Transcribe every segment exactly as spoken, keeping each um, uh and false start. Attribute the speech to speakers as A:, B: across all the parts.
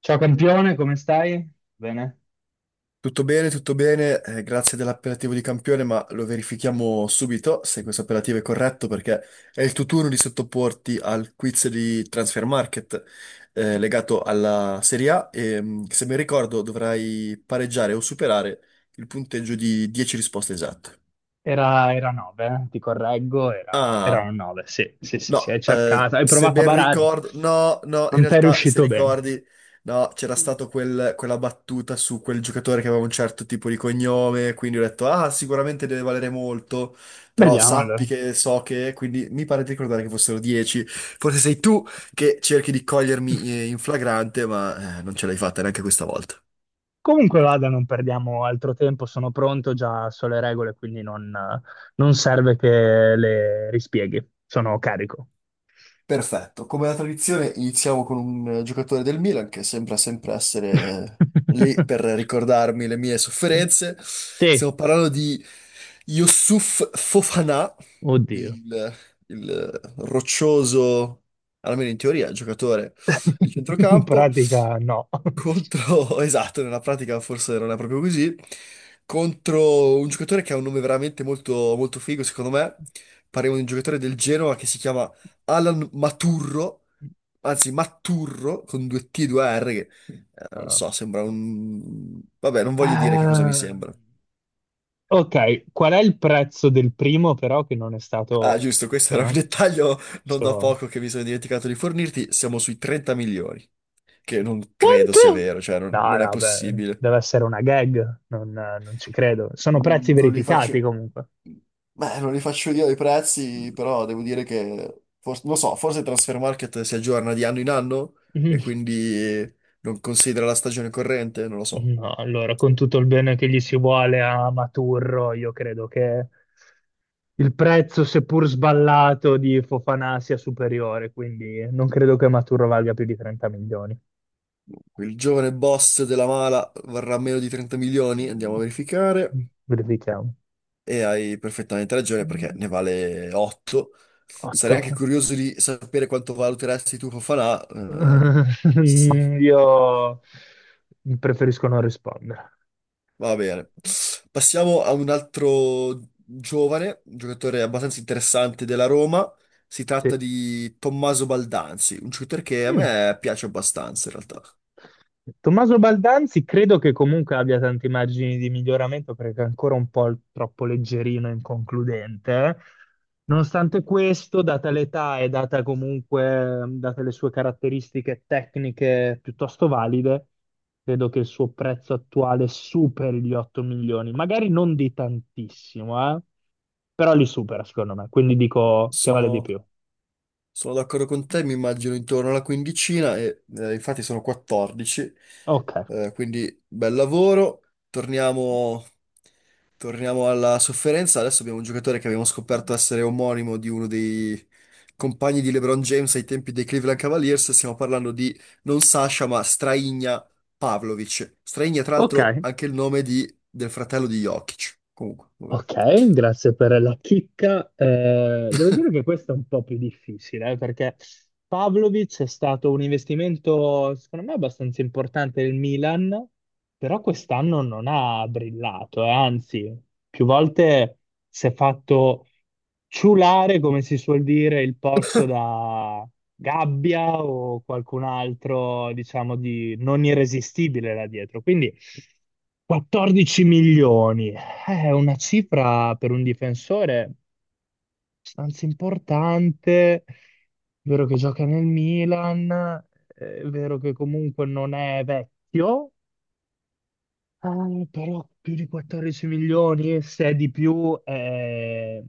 A: Ciao campione, come stai? Bene?
B: Tutto bene, tutto bene, eh, grazie dell'appellativo di campione, ma lo verifichiamo subito se questo appellativo è corretto perché è il tuo turno di sottoporti al quiz di Transfer Market, eh, legato alla Serie A e mh, se mi ricordo dovrai pareggiare o superare il punteggio di dieci risposte esatte.
A: Era, era nove, eh, ti correggo, era, erano
B: Ah,
A: nove, sì, sì, sì, sì, hai
B: no, eh,
A: cercato, hai
B: se
A: provato a
B: ben
A: barare,
B: ricordo, no, no, in
A: non ti è
B: realtà se
A: riuscito bene.
B: ricordi, no, c'era
A: Mm.
B: stato quel- quella battuta su quel giocatore che aveva un certo tipo di cognome, quindi ho detto, ah, sicuramente deve valere molto, però
A: Vediamo
B: sappi
A: allora.
B: che so che, quindi mi pare di ricordare che fossero dieci, forse sei tu che cerchi di cogliermi eh, in flagrante, ma eh, non ce l'hai fatta neanche questa volta.
A: Comunque vada, non perdiamo altro tempo, sono pronto, già so le regole, quindi non, non serve che le rispieghi, sono carico.
B: Perfetto, come la tradizione iniziamo con un eh, giocatore del Milan che sembra sempre essere eh, lì per ricordarmi le mie sofferenze.
A: Sì,
B: Stiamo parlando di Youssouf Fofana,
A: oddio.
B: il, il eh, roccioso, almeno in teoria, giocatore di
A: In
B: centrocampo,
A: pratica no.
B: contro, esatto, nella pratica forse non è proprio così, contro un giocatore che ha un nome veramente molto, molto figo secondo me. Parliamo di un giocatore del Genoa che si chiama Alan Maturro, anzi Matturro con due T e due R, che eh, non
A: Allora.
B: so, sembra un... Vabbè, non voglio dire che cosa mi
A: Ah,
B: sembra.
A: ok, qual è il prezzo del primo però che non è
B: Ah,
A: stato
B: giusto, questo era un
A: menzionato?
B: dettaglio non da
A: Sto-
B: poco che mi sono dimenticato di fornirti. Siamo sui trenta milioni, che non credo sia
A: Quanto?
B: vero, cioè non,
A: No,
B: non è
A: no, beh,
B: possibile.
A: deve essere una gag, non, non ci credo. Sono prezzi
B: Mm, non li
A: verificati
B: faccio...
A: comunque.
B: Beh, non li faccio io i prezzi, però devo dire che... forse- non lo so, forse Transfer Market si aggiorna di anno in anno e quindi non considera la stagione corrente, non lo so.
A: Mm. No, allora, con tutto il bene che gli si vuole a Maturro, io credo che il prezzo, seppur sballato, di Fofanà sia superiore, quindi non credo che Maturro valga più di trenta milioni.
B: Il giovane boss della mala varrà meno di trenta milioni, andiamo
A: Mm,
B: a verificare.
A: verifichiamo.
B: E hai perfettamente ragione perché ne
A: Mm,
B: vale otto. Sarei
A: otto.
B: anche curioso di sapere quanto valuteresti tu Fofana, eh, sì,
A: Mm, io preferisco non rispondere.
B: va bene. Passiamo a un altro giovane, giocatore abbastanza interessante della Roma. Si tratta
A: Sì.
B: di Tommaso Baldanzi, un shooter che a
A: Mm.
B: me piace abbastanza in realtà.
A: Tommaso Baldanzi credo che comunque abbia tanti margini di miglioramento perché è ancora un po' il- troppo leggerino e inconcludente, eh. Nonostante questo, data l'età e data comunque, date le sue caratteristiche tecniche piuttosto valide, credo che il suo prezzo attuale superi gli otto milioni. Magari non di tantissimo, eh, però li supera, secondo me. Quindi dico che vale di
B: Sono
A: più.
B: Sono d'accordo con te, mi immagino intorno alla quindicina e eh, infatti sono quattordici,
A: Ok.
B: eh, quindi bel lavoro. Torniamo, torniamo alla sofferenza. Adesso abbiamo un giocatore che abbiamo scoperto essere omonimo di uno dei compagni di LeBron James ai tempi dei Cleveland Cavaliers. Stiamo parlando di non Sasha, ma Straigna Pavlovic. Straigna, tra
A: Ok.
B: l'altro, anche il nome di- del fratello di Jokic. Comunque, vabbè.
A: Ok, grazie per la chicca. Eh, devo dire che questo è un po' più difficile, eh, perché Pavlovic è stato un investimento, secondo me, abbastanza importante del Milan, però quest'anno non ha brillato, eh, anzi, più volte si è fatto ciulare, come si suol dire, il posto da Gabbia o qualcun altro, diciamo, di non irresistibile là dietro. Quindi quattordici milioni è una cifra per un difensore abbastanza importante, è vero che gioca nel Milan, è vero che comunque non è vecchio, eh, però più di quattordici milioni, se è di più, è,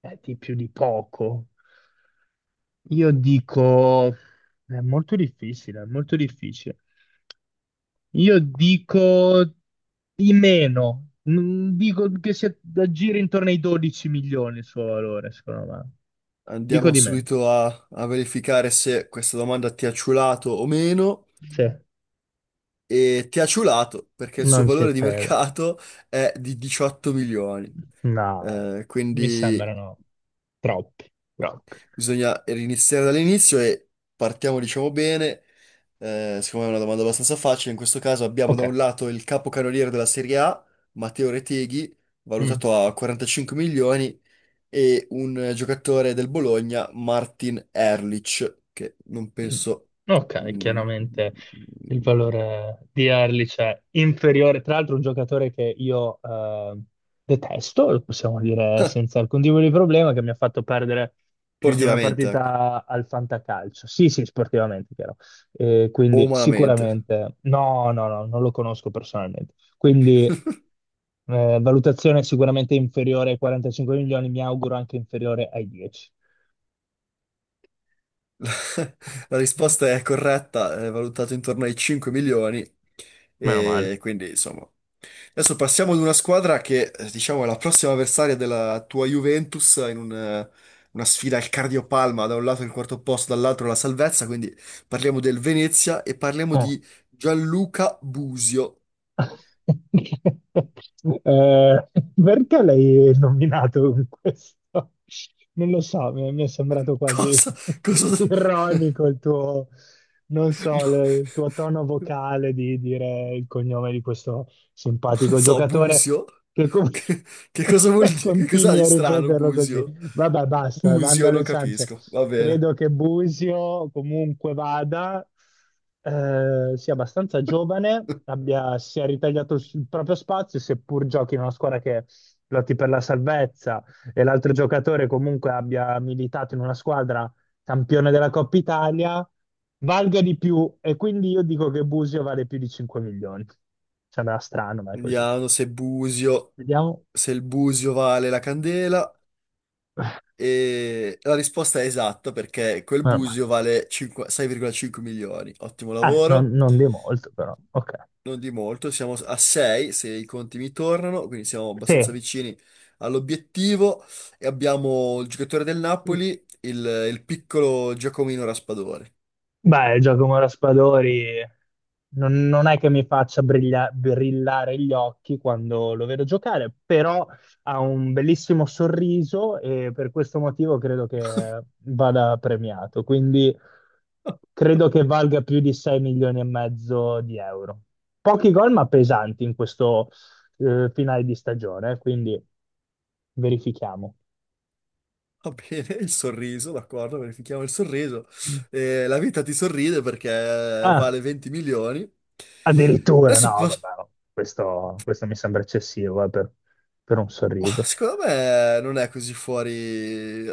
A: è di più di poco. Io dico, è molto difficile, è molto difficile. Io dico di meno. Mm, dico che si aggira intorno ai dodici milioni il suo valore, secondo me. Dico
B: Andiamo
A: di meno.
B: subito a, a verificare se questa domanda ti ha ciulato o meno.
A: Sì,
B: E ti ha ciulato perché il suo
A: non ci
B: valore di
A: credo.
B: mercato è di diciotto milioni.
A: No,
B: Eh,
A: mi
B: quindi
A: sembrano troppi, troppi.
B: bisogna riniziare dall'inizio e partiamo, diciamo, bene. Eh, secondo me è una domanda abbastanza facile. In questo caso abbiamo
A: Ok.
B: da un lato il capocannoniere della Serie A, Matteo Reteghi,
A: Mm.
B: valutato a quarantacinque milioni, e un eh, giocatore del Bologna, Martin Erlich, che non penso
A: Ok,
B: mm,
A: chiaramente il valore di Erlich è inferiore. Tra l'altro, un giocatore che io eh, detesto, lo possiamo dire senza alcun tipo di problema, che mi ha fatto perdere più di una
B: sportivamente, ecco,
A: partita al fantacalcio. Sì, sì, sportivamente, chiaro. Eh,
B: o
A: quindi
B: umanamente.
A: sicuramente no, no, no, non lo conosco personalmente. Quindi eh, valutazione sicuramente inferiore ai quarantacinque milioni, mi auguro anche inferiore ai dieci.
B: La, la risposta è corretta, è valutato intorno ai cinque milioni
A: Meno male.
B: e quindi insomma adesso passiamo ad una squadra che, eh, diciamo, è la prossima avversaria della tua Juventus in un, eh, una sfida al cardiopalma, da un lato il quarto posto, dall'altro la salvezza, quindi parliamo del Venezia e parliamo
A: Oh.
B: di Gianluca Busio.
A: Eh, perché l'hai nominato con questo? Non lo so, mi mi è sembrato quasi
B: Cosa? Cosa?
A: ironico il tuo, non so,
B: No,
A: le- il tuo tono vocale di dire il cognome di questo
B: non
A: simpatico
B: so,
A: giocatore
B: Busio?
A: che, com-
B: Che, che cosa vuol
A: che
B: dire? Che cosa ha
A: continui
B: di
A: a
B: strano
A: ripeterlo così.
B: Busio?
A: Vabbè, basta, manda
B: Busio, non
A: alle ciance.
B: capisco, va bene.
A: Credo che Busio, comunque vada, eh, sia abbastanza giovane, abbia, sia ritagliato il s- il proprio spazio, seppur giochi in una squadra che lotti per la salvezza e l'altro giocatore comunque abbia militato in una squadra campione della Coppa Italia, valga di più. E quindi io dico che Busio vale più di cinque milioni. Sembra strano, ma è così.
B: Vediamo se Busio,
A: Vediamo.
B: se il Busio vale la candela. E la risposta è esatta perché quel
A: Meno male.
B: busio vale cinque, sei virgola cinque milioni. Ottimo
A: Eh, non,
B: lavoro,
A: non di molto, però. Ok.
B: non di molto, siamo a sei se i conti mi tornano, quindi siamo abbastanza
A: Sì.
B: vicini all'obiettivo e abbiamo il giocatore del Napoli, il, il piccolo Giacomino Raspadore.
A: Beh, Giacomo Raspadori non, non è che mi faccia briglia- brillare gli occhi quando lo vedo giocare, però ha un bellissimo sorriso e per questo motivo credo che vada premiato. Quindi credo che valga più di sei milioni e mezzo di euro. Pochi gol, ma pesanti in questo eh, finale di stagione, quindi verifichiamo.
B: Va bene, il sorriso, d'accordo, verifichiamo il sorriso. Eh, la vita ti sorride perché
A: Ah.
B: vale venti milioni.
A: Addirittura, no,
B: Adesso po-
A: vabbè, no. Questo, questo mi sembra eccessivo eh, per, per un
B: ma
A: sorriso.
B: secondo me non è così fuori.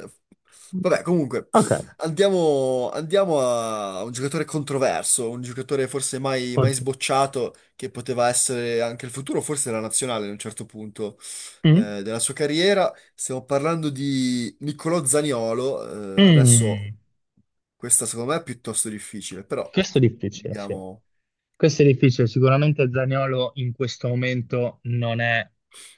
B: Vabbè, comunque,
A: Ok,
B: andiamo, andiamo a un giocatore controverso, un giocatore forse mai, mai
A: oddio.
B: sbocciato, che poteva essere anche il futuro, forse la nazionale a un certo punto
A: Mm?
B: eh, della sua carriera. Stiamo parlando di Niccolò Zaniolo. Eh, adesso
A: Mm.
B: questa secondo me è piuttosto difficile, però
A: Questo è difficile, sì.
B: vediamo.
A: Questo è difficile. Sicuramente Zaniolo in questo momento non è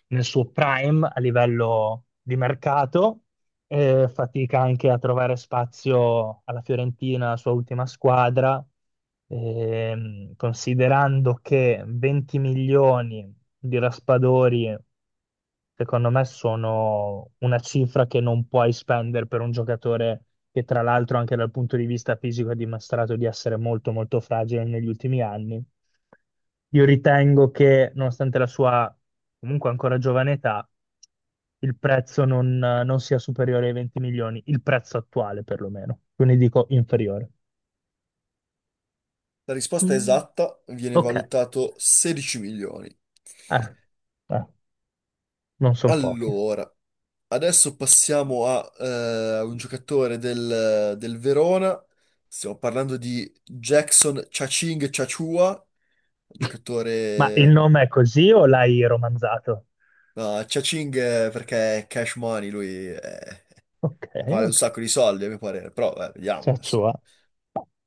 A: nel suo prime a livello di mercato, eh, fatica anche a trovare spazio alla Fiorentina, la sua ultima squadra. Ehm, considerando che venti milioni di raspadori, secondo me, sono una cifra che non puoi spendere per un giocatore che, tra l'altro, anche dal punto di vista fisico ha dimostrato di essere molto, molto fragile negli ultimi anni. Io ritengo che, nonostante la sua comunque ancora giovane età, il prezzo non, non sia superiore ai venti milioni, il prezzo attuale perlomeno, quindi dico inferiore.
B: La risposta
A: Mm.
B: esatta viene
A: Ok,
B: valutato sedici milioni.
A: eh, eh, non sono pochi.
B: Allora. Adesso passiamo a eh, un giocatore del, del Verona. Stiamo parlando di Jackson Chaching Chachua,
A: Ma il
B: giocatore...
A: nome è così o l'hai romanzato?
B: No, Chaching eh, perché è cash money, lui eh,
A: Okay,
B: vale un
A: okay.
B: sacco di soldi a mio parere, però eh, vediamo
A: Ciacciua.
B: adesso.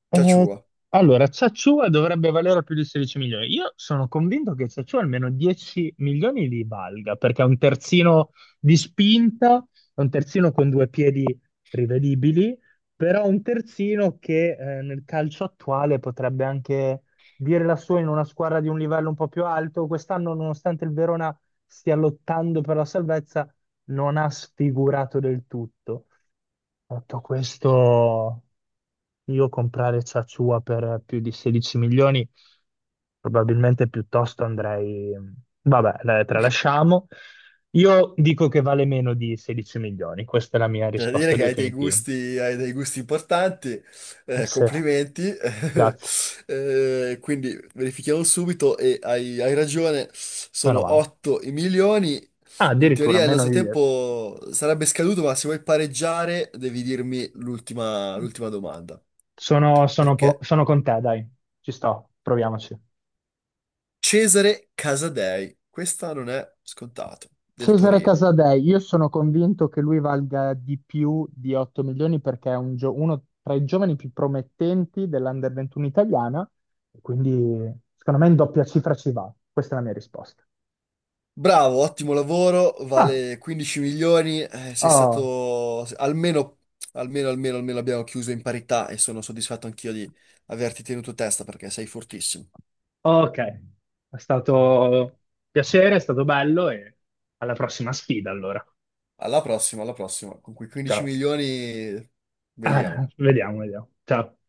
A: Eh,
B: Chachua.
A: allora, Ciacciua dovrebbe valere più di sedici milioni. Io sono convinto che Ciacciua almeno dieci milioni li valga, perché è un terzino di spinta, è un terzino con due piedi rivedibili, però un terzino che eh, nel calcio attuale potrebbe anche dire la sua in una squadra di un livello un po' più alto. Quest'anno, nonostante il Verona stia lottando per la salvezza, non ha sfigurato del tutto. Detto questo, io comprare Sassuolo per più di sedici milioni, probabilmente piuttosto andrei... Vabbè, la tralasciamo. Io dico che vale meno di sedici milioni, questa è la mia
B: C'è da dire
A: risposta
B: che hai dei
A: definitiva.
B: gusti, hai dei gusti importanti, eh,
A: Sì,
B: complimenti.
A: grazie,
B: Eh, quindi verifichiamo subito e hai, hai ragione,
A: meno
B: sono
A: male.
B: otto i milioni.
A: Ah,
B: In
A: addirittura
B: teoria il
A: meno
B: nostro
A: di dieci.
B: tempo sarebbe scaduto, ma se vuoi pareggiare devi dirmi l'ultima l'ultima domanda.
A: Sono, sono po-
B: Perché
A: sono con te, dai, ci sto, proviamoci.
B: Cesare Casadei, questa non è scontato, del
A: Cesare
B: Torino.
A: Casadei, io sono convinto che lui valga di più di otto milioni perché è un gio- uno tra i giovani più promettenti dell'Under ventuno italiana, e quindi secondo me in doppia cifra ci va. Questa è la mia risposta.
B: Bravo, ottimo lavoro,
A: Ah,
B: vale quindici milioni, eh, sei
A: oh,
B: stato almeno, almeno, almeno, almeno abbiamo chiuso in parità e sono soddisfatto anch'io di averti tenuto testa perché sei fortissimo.
A: ok, è stato piacere, è stato bello e alla prossima sfida allora.
B: Alla prossima, alla prossima, con quei quindici
A: Ciao.
B: milioni
A: Ah,
B: vediamo.
A: vediamo, vediamo. Ciao.